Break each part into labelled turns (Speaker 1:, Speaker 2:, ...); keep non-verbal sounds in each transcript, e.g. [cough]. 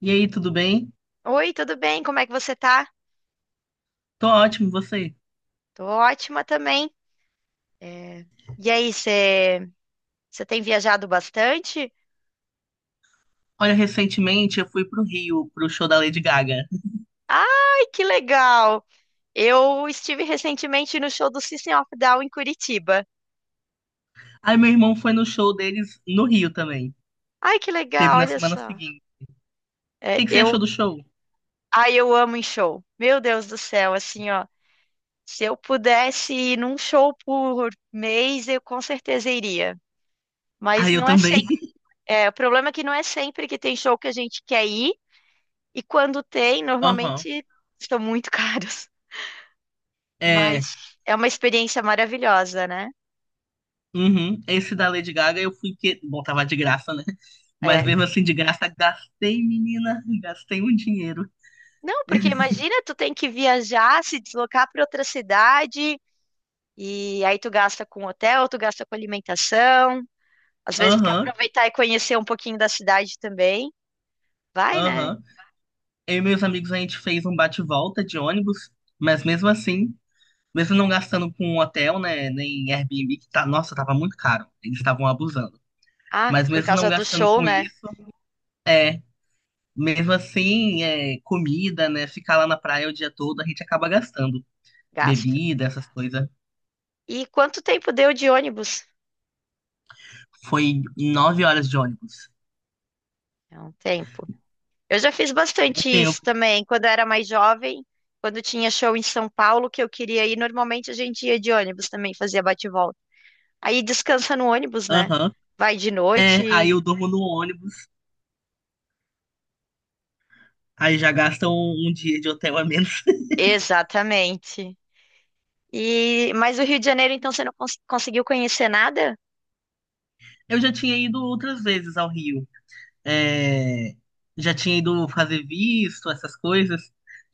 Speaker 1: E aí, tudo bem?
Speaker 2: Oi, tudo bem? Como é que você tá?
Speaker 1: Tô ótimo, e você?
Speaker 2: Tô ótima também. É, E aí, você tem viajado bastante?
Speaker 1: Olha, recentemente eu fui pro Rio, pro show da Lady Gaga.
Speaker 2: Ai, que legal! Eu estive recentemente no show do System of a Down em Curitiba.
Speaker 1: Aí meu irmão foi no show deles no Rio também.
Speaker 2: Ai, que
Speaker 1: Que Teve
Speaker 2: legal,
Speaker 1: na
Speaker 2: olha
Speaker 1: semana
Speaker 2: só.
Speaker 1: seguinte. O que
Speaker 2: É,
Speaker 1: que você
Speaker 2: eu,
Speaker 1: achou do show?
Speaker 2: ai, eu amo em show. Meu Deus do céu, assim, ó. Se eu pudesse ir num show por mês, eu com certeza iria.
Speaker 1: Ah,
Speaker 2: Mas
Speaker 1: eu
Speaker 2: não é
Speaker 1: também.
Speaker 2: sempre.
Speaker 1: [laughs]
Speaker 2: O problema é que não é sempre que tem show que a gente quer ir. E quando tem,
Speaker 1: Aham.
Speaker 2: normalmente estão muito [laughs] caros.
Speaker 1: É.
Speaker 2: Mas é uma experiência maravilhosa, né?
Speaker 1: Uhum. Esse da Lady Gaga eu fui porque. Bom, tava de graça, né? Mas
Speaker 2: É.
Speaker 1: mesmo assim, de graça, gastei, menina. Gastei um dinheiro.
Speaker 2: Não, porque imagina, tu tem que viajar, se deslocar para outra cidade, e aí tu gasta com hotel, tu gasta com alimentação. Às vezes tu quer
Speaker 1: Aham,
Speaker 2: aproveitar e conhecer um pouquinho da cidade também. Vai, né?
Speaker 1: aham. Eu e meus amigos, a gente fez um bate-volta de ônibus. Mas mesmo assim. Mesmo não gastando com um hotel, né? Nem Airbnb, que tá, nossa, tava muito caro. Eles estavam abusando.
Speaker 2: Ah,
Speaker 1: Mas
Speaker 2: por
Speaker 1: mesmo não
Speaker 2: causa do
Speaker 1: gastando
Speaker 2: show,
Speaker 1: com
Speaker 2: né?
Speaker 1: isso, é. Mesmo assim, é, comida, né? Ficar lá na praia o dia todo, a gente acaba gastando.
Speaker 2: Gasta.
Speaker 1: Bebida, essas coisas.
Speaker 2: E quanto tempo deu de ônibus?
Speaker 1: Foi 9 horas de ônibus.
Speaker 2: É um tempo. Eu já fiz
Speaker 1: Um
Speaker 2: bastante isso
Speaker 1: tempo.
Speaker 2: também, quando eu era mais jovem, quando tinha show em São Paulo que eu queria ir, normalmente a gente ia de ônibus também, fazia bate-volta. Aí descansa no ônibus, né?
Speaker 1: Aham.
Speaker 2: Vai de
Speaker 1: É, aí
Speaker 2: noite.
Speaker 1: eu durmo no ônibus. Aí já gastam um dia de hotel a menos.
Speaker 2: Exatamente. E mas o Rio de Janeiro, então, você não conseguiu conhecer nada?
Speaker 1: Eu já tinha ido outras vezes ao Rio. É, já tinha ido fazer visto, essas coisas.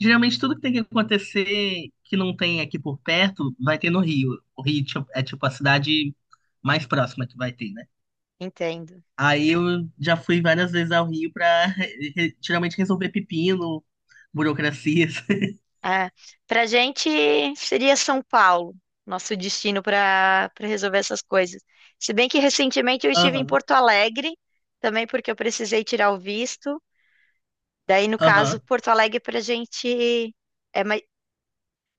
Speaker 1: Geralmente tudo que tem que acontecer que não tem aqui por perto, vai ter no Rio. O Rio tipo, é tipo a cidade mais próxima que vai ter, né?
Speaker 2: Entendo.
Speaker 1: Aí eu já fui várias vezes ao Rio pra geralmente resolver pepino, burocracias. [laughs]
Speaker 2: É. Pra gente seria São Paulo, nosso destino para resolver essas coisas. Se bem que recentemente eu estive em
Speaker 1: Aham,
Speaker 2: Porto Alegre, também porque eu precisei tirar o visto. Daí, no caso,
Speaker 1: aham,
Speaker 2: Porto Alegre pra gente é mais,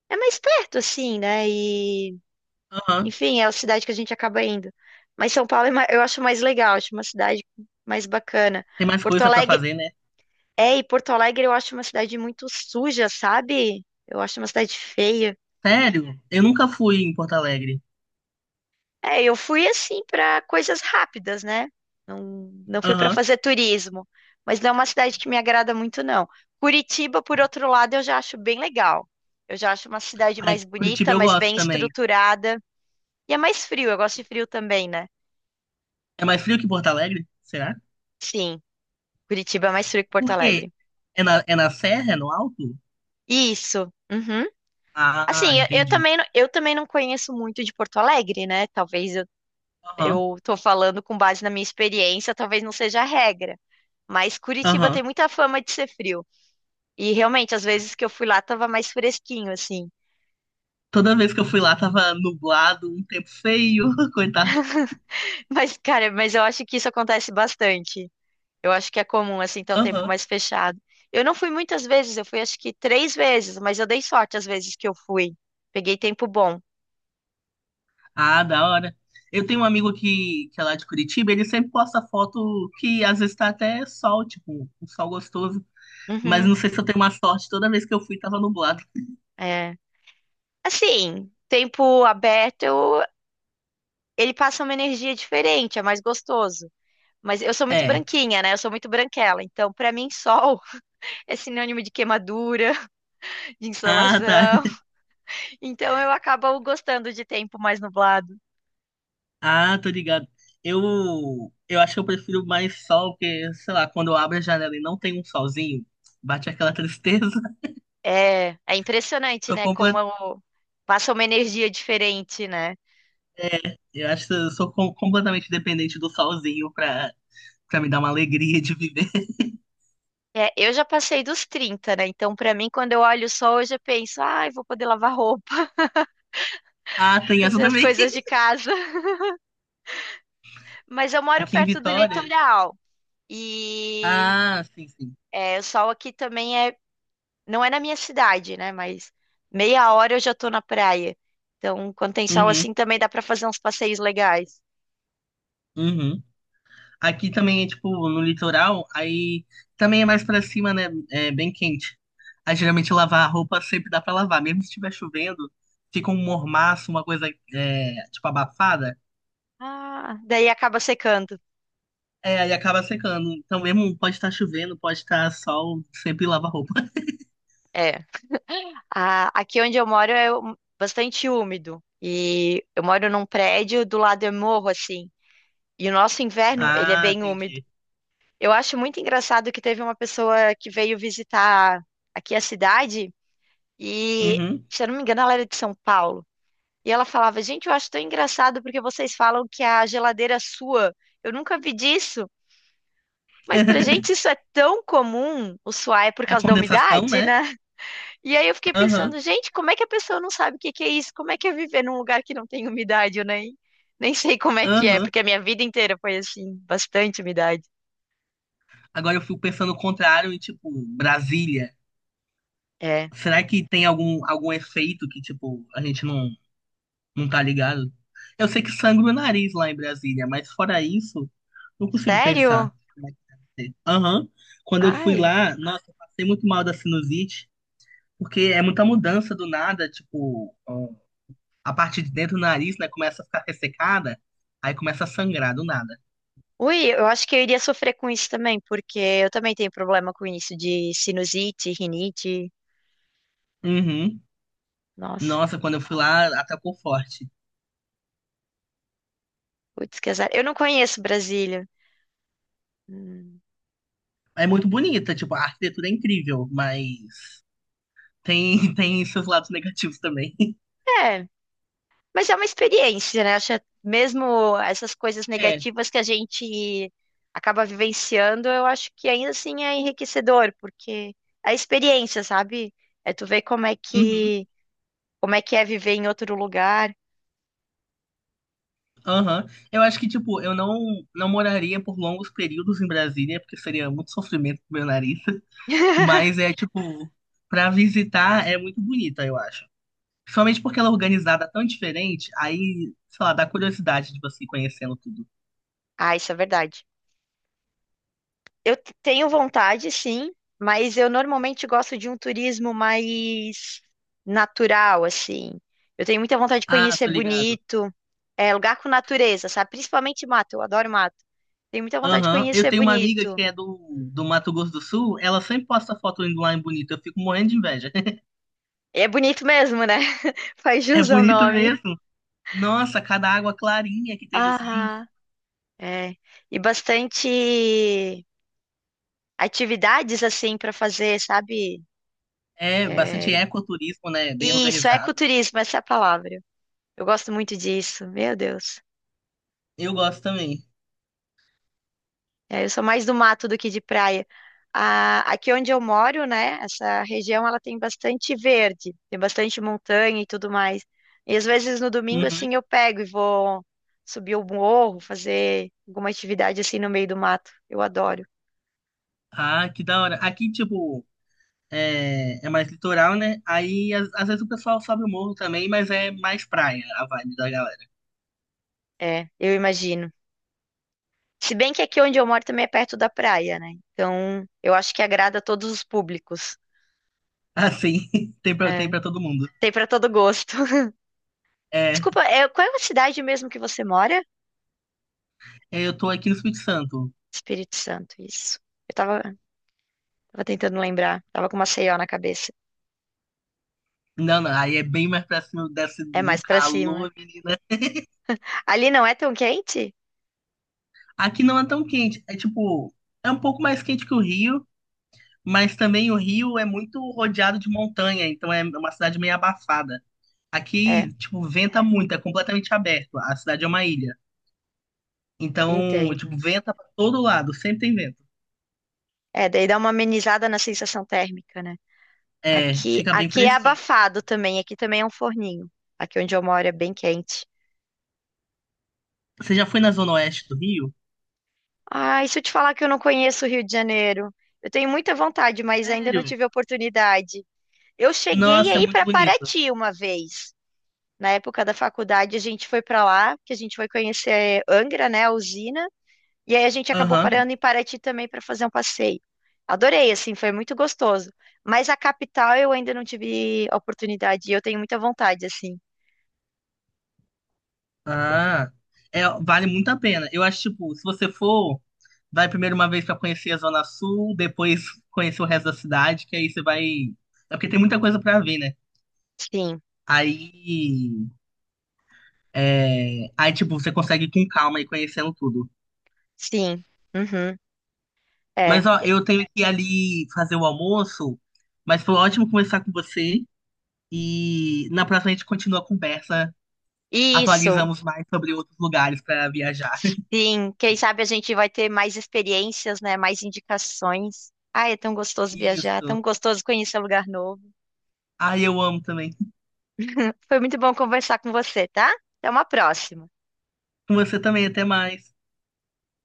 Speaker 2: é mais perto, assim, né? E,
Speaker 1: aham.
Speaker 2: enfim, é a cidade que a gente acaba indo. Mas São Paulo eu acho mais legal, acho uma cidade mais bacana.
Speaker 1: Tem mais
Speaker 2: Porto
Speaker 1: coisa pra
Speaker 2: Alegre,
Speaker 1: fazer, né?
Speaker 2: e Porto Alegre eu acho uma cidade muito suja, sabe? Eu acho uma cidade feia.
Speaker 1: Sério? Eu nunca fui em Porto Alegre.
Speaker 2: É, eu fui assim para coisas rápidas, né? Não, não fui para
Speaker 1: Aham.
Speaker 2: fazer turismo, mas não é uma cidade que me agrada muito, não. Curitiba, por outro lado, eu já acho bem legal. Eu já acho uma cidade
Speaker 1: Ai,
Speaker 2: mais
Speaker 1: Curitiba
Speaker 2: bonita,
Speaker 1: eu
Speaker 2: mais
Speaker 1: gosto
Speaker 2: bem
Speaker 1: também.
Speaker 2: estruturada. E é mais frio, eu gosto de frio também, né?
Speaker 1: É mais frio que Porto Alegre? Será?
Speaker 2: Sim, Curitiba é mais frio que Porto
Speaker 1: Por quê?
Speaker 2: Alegre.
Speaker 1: É na serra? É no alto?
Speaker 2: Isso. Uhum.
Speaker 1: Ah,
Speaker 2: Assim, eu
Speaker 1: entendi.
Speaker 2: também, eu também não conheço muito de Porto Alegre, né? Talvez eu,
Speaker 1: Aham,
Speaker 2: eu tô falando com base na minha experiência, talvez não seja a regra. Mas Curitiba
Speaker 1: aham.
Speaker 2: tem muita fama de ser frio. E realmente, às vezes que eu fui lá, tava mais fresquinho, assim.
Speaker 1: Toda vez que eu fui lá tava nublado, um tempo feio, [laughs] coitado.
Speaker 2: [laughs] Mas, cara, mas eu acho que isso acontece bastante. Eu acho que é comum, assim, ter o tempo
Speaker 1: Aham.
Speaker 2: mais fechado. Eu não fui muitas vezes, eu fui acho que três vezes, mas eu dei sorte às vezes que eu fui. Peguei tempo bom.
Speaker 1: Ah, da hora. Eu tenho um amigo que é lá de Curitiba, ele sempre posta foto que às vezes tá até sol, tipo, um sol gostoso. Mas
Speaker 2: Uhum,
Speaker 1: não sei se eu tenho uma sorte, toda vez que eu fui tava nublado.
Speaker 2: é. Assim, tempo aberto, ele passa uma energia diferente, é mais gostoso. Mas eu sou muito
Speaker 1: É.
Speaker 2: branquinha, né? Eu sou muito branquela. Então, pra mim, sol [laughs] é sinônimo de queimadura, [laughs] de
Speaker 1: Ah, tá.
Speaker 2: insolação. Então eu acabo gostando de tempo mais nublado.
Speaker 1: Ah, tô ligado. Eu, eu acho que eu prefiro mais sol, porque, sei lá, quando eu abro a janela e não tem um solzinho, bate aquela tristeza. [laughs]
Speaker 2: É impressionante,
Speaker 1: Tô.
Speaker 2: né? Passa uma energia diferente, né?
Speaker 1: Eu acho que eu sou completamente dependente do solzinho pra, pra me dar uma alegria de viver. [laughs]
Speaker 2: É, eu já passei dos 30, né? Então, pra mim, quando eu olho o sol, eu já penso, ai, vou poder lavar roupa,
Speaker 1: Ah,
Speaker 2: [laughs]
Speaker 1: tem essa
Speaker 2: fazer as
Speaker 1: também.
Speaker 2: coisas de casa. [laughs] Mas eu moro
Speaker 1: Aqui em
Speaker 2: perto do
Speaker 1: Vitória.
Speaker 2: litoral e
Speaker 1: Ah, sim, sim.
Speaker 2: o sol aqui também não é na minha cidade, né? Mas meia hora eu já tô na praia. Então, quando tem sol
Speaker 1: Uhum,
Speaker 2: assim, também dá pra fazer uns passeios legais.
Speaker 1: uhum. Aqui também é tipo no litoral, aí também é mais pra cima, né? É bem quente. Aí geralmente lavar a roupa sempre dá pra lavar, mesmo se estiver chovendo, fica um mormaço, uma coisa é, tipo abafada.
Speaker 2: Ah, daí acaba secando.
Speaker 1: É, aí acaba secando. Então mesmo pode estar chovendo, pode estar sol, sempre lava a roupa. [laughs]
Speaker 2: É. Aqui onde eu moro é bastante úmido. E eu moro num prédio, do lado é morro, assim. E o nosso inverno, ele é
Speaker 1: Ah,
Speaker 2: bem úmido.
Speaker 1: entendi.
Speaker 2: Eu acho muito engraçado que teve uma pessoa que veio visitar aqui a cidade e,
Speaker 1: Uhum.
Speaker 2: se eu não me engano, ela era de São Paulo. E ela falava, gente, eu acho tão engraçado porque vocês falam que a geladeira sua. Eu nunca vi disso. Mas pra gente
Speaker 1: [laughs]
Speaker 2: isso é tão comum. O suar é por
Speaker 1: É a
Speaker 2: causa da
Speaker 1: condensação,
Speaker 2: umidade,
Speaker 1: né?
Speaker 2: né? E aí eu fiquei
Speaker 1: Aham,
Speaker 2: pensando, gente, como é que a pessoa não sabe o que que é isso? Como é que é viver num lugar que não tem umidade? Eu nem sei como é que é,
Speaker 1: aham.
Speaker 2: porque a minha vida inteira foi assim, bastante umidade.
Speaker 1: Agora eu fico pensando o contrário e, tipo, Brasília.
Speaker 2: É.
Speaker 1: Será que tem algum efeito que, tipo, a gente não, não tá ligado? Eu sei que sangra o nariz lá em Brasília, mas fora isso, não consigo pensar.
Speaker 2: Sério?
Speaker 1: Como é que deve ser. Aham. Quando eu fui
Speaker 2: Ai.
Speaker 1: lá, nossa, eu passei muito mal da sinusite, porque é muita mudança do nada, tipo, ó, a parte de dentro do nariz, né, começa a ficar ressecada, aí começa a sangrar do nada.
Speaker 2: Ui, eu acho que eu iria sofrer com isso também, porque eu também tenho problema com isso de sinusite, rinite.
Speaker 1: Uhum.
Speaker 2: Nossa,
Speaker 1: Nossa, quando eu fui lá, atacou forte.
Speaker 2: putz, que azar. Eu não conheço Brasília. Hum.
Speaker 1: É muito bonita, tipo, a arquitetura é incrível, mas tem, [laughs] tem seus lados negativos também. [laughs]
Speaker 2: É, mas é uma experiência, né? Acho que é mesmo essas coisas
Speaker 1: É,
Speaker 2: negativas que a gente acaba vivenciando, eu acho que ainda assim é enriquecedor, porque é experiência, sabe? É tu ver
Speaker 1: uhum,
Speaker 2: como é que é viver em outro lugar.
Speaker 1: aham. Eu acho que, tipo, eu não, não moraria por longos períodos em Brasília, porque seria muito sofrimento pro meu nariz, [laughs] mas
Speaker 2: [laughs]
Speaker 1: é, tipo, pra visitar é muito bonita, eu acho. Principalmente porque ela é organizada tão diferente, aí, sei lá, dá curiosidade de você ir conhecendo tudo.
Speaker 2: Ah, isso é verdade. Eu tenho vontade, sim, mas eu normalmente gosto de um turismo mais natural, assim. Eu tenho muita vontade de
Speaker 1: Ah,
Speaker 2: conhecer
Speaker 1: tô ligado.
Speaker 2: bonito, lugar com natureza, sabe? Principalmente mato, eu adoro mato. Tenho muita vontade de
Speaker 1: Aham. Eu
Speaker 2: conhecer
Speaker 1: tenho uma amiga
Speaker 2: bonito.
Speaker 1: que é do Mato Grosso do Sul, ela sempre posta foto indo lá em Bonito, eu fico morrendo de inveja.
Speaker 2: E é bonito mesmo, né? [laughs] Faz
Speaker 1: É
Speaker 2: jus ao
Speaker 1: bonito
Speaker 2: nome.
Speaker 1: mesmo. Nossa, cada água clarinha que tem nos rios.
Speaker 2: Ah, é. E bastante atividades, assim, para fazer, sabe?
Speaker 1: É
Speaker 2: É.
Speaker 1: bastante ecoturismo, né? Bem
Speaker 2: Isso,
Speaker 1: organizado.
Speaker 2: ecoturismo, essa é a palavra. Eu gosto muito disso, meu Deus.
Speaker 1: Eu gosto também.
Speaker 2: É, eu sou mais do mato do que de praia. Aqui onde eu moro, né, essa região ela tem bastante verde, tem bastante montanha e tudo mais. E às vezes no domingo
Speaker 1: Uhum.
Speaker 2: assim eu pego e vou subir o morro, fazer alguma atividade assim no meio do mato. Eu adoro.
Speaker 1: Ah, que da hora. Aqui, tipo, é mais litoral, né? Aí, às vezes o pessoal sobe o morro também, mas é mais praia a vibe da galera.
Speaker 2: É, eu imagino. Se bem que aqui onde eu moro também é perto da praia, né? Então, eu acho que agrada a todos os públicos.
Speaker 1: Assim, [laughs] tem pra, tem
Speaker 2: É,
Speaker 1: pra todo mundo.
Speaker 2: tem para todo gosto. [laughs]
Speaker 1: É,
Speaker 2: Desculpa, é, qual é a cidade mesmo que você mora?
Speaker 1: eu tô aqui no Espírito Santo.
Speaker 2: Espírito Santo, isso. Eu tava Tava tentando lembrar. Tava com uma Maceió na cabeça.
Speaker 1: Não, não, aí é bem mais pra cima, desce
Speaker 2: É
Speaker 1: um
Speaker 2: mais pra cima.
Speaker 1: calor, menina.
Speaker 2: Ali não é tão quente?
Speaker 1: Aqui não é tão quente, é tipo, é um pouco mais quente que o Rio, mas também o Rio é muito rodeado de montanha, então é uma cidade meio abafada.
Speaker 2: É,
Speaker 1: Aqui, tipo, venta muito, é completamente aberto. A cidade é uma ilha. Então, tipo,
Speaker 2: entendo.
Speaker 1: venta pra todo lado, sempre tem vento.
Speaker 2: É, daí dá uma amenizada na sensação térmica, né?
Speaker 1: É,
Speaker 2: Aqui,
Speaker 1: fica bem
Speaker 2: aqui é
Speaker 1: fresquinho.
Speaker 2: abafado também. Aqui também é um forninho. Aqui onde eu moro é bem quente.
Speaker 1: Você já foi na zona oeste do Rio?
Speaker 2: Ah, e se eu te falar que eu não conheço o Rio de Janeiro? Eu tenho muita vontade, mas ainda não
Speaker 1: Sério?
Speaker 2: tive oportunidade. Eu cheguei
Speaker 1: Nossa, é
Speaker 2: aí
Speaker 1: muito
Speaker 2: para
Speaker 1: bonito.
Speaker 2: Paraty uma vez. Na época da faculdade, a gente foi para lá, que a gente foi conhecer Angra, né, a usina. E aí a gente acabou
Speaker 1: Aham.
Speaker 2: parando em Paraty também para fazer um passeio. Adorei, assim, foi muito gostoso. Mas a capital eu ainda não tive oportunidade e eu tenho muita vontade, assim.
Speaker 1: Ah, é, vale muito a pena. Eu acho, tipo, se você for, vai primeiro uma vez pra conhecer a zona sul, depois conhecer o resto da cidade, que aí você vai. É porque tem muita coisa pra ver, né?
Speaker 2: Sim,
Speaker 1: Aí, é, aí, tipo, você consegue ir com calma e conhecendo tudo.
Speaker 2: sim. Uhum,
Speaker 1: Mas,
Speaker 2: é.
Speaker 1: ó, eu tenho que ir ali fazer o almoço, mas foi ótimo conversar com você. E na próxima a gente continua a conversa,
Speaker 2: Isso,
Speaker 1: atualizamos mais sobre outros lugares para viajar. [laughs]
Speaker 2: sim. Quem sabe a gente vai ter mais experiências, né? Mais indicações. Ai, é tão gostoso viajar, tão
Speaker 1: Isso.
Speaker 2: gostoso conhecer um lugar novo.
Speaker 1: Ai, eu amo também.
Speaker 2: Foi muito bom conversar com você, tá? Até uma próxima.
Speaker 1: Com você também, até mais.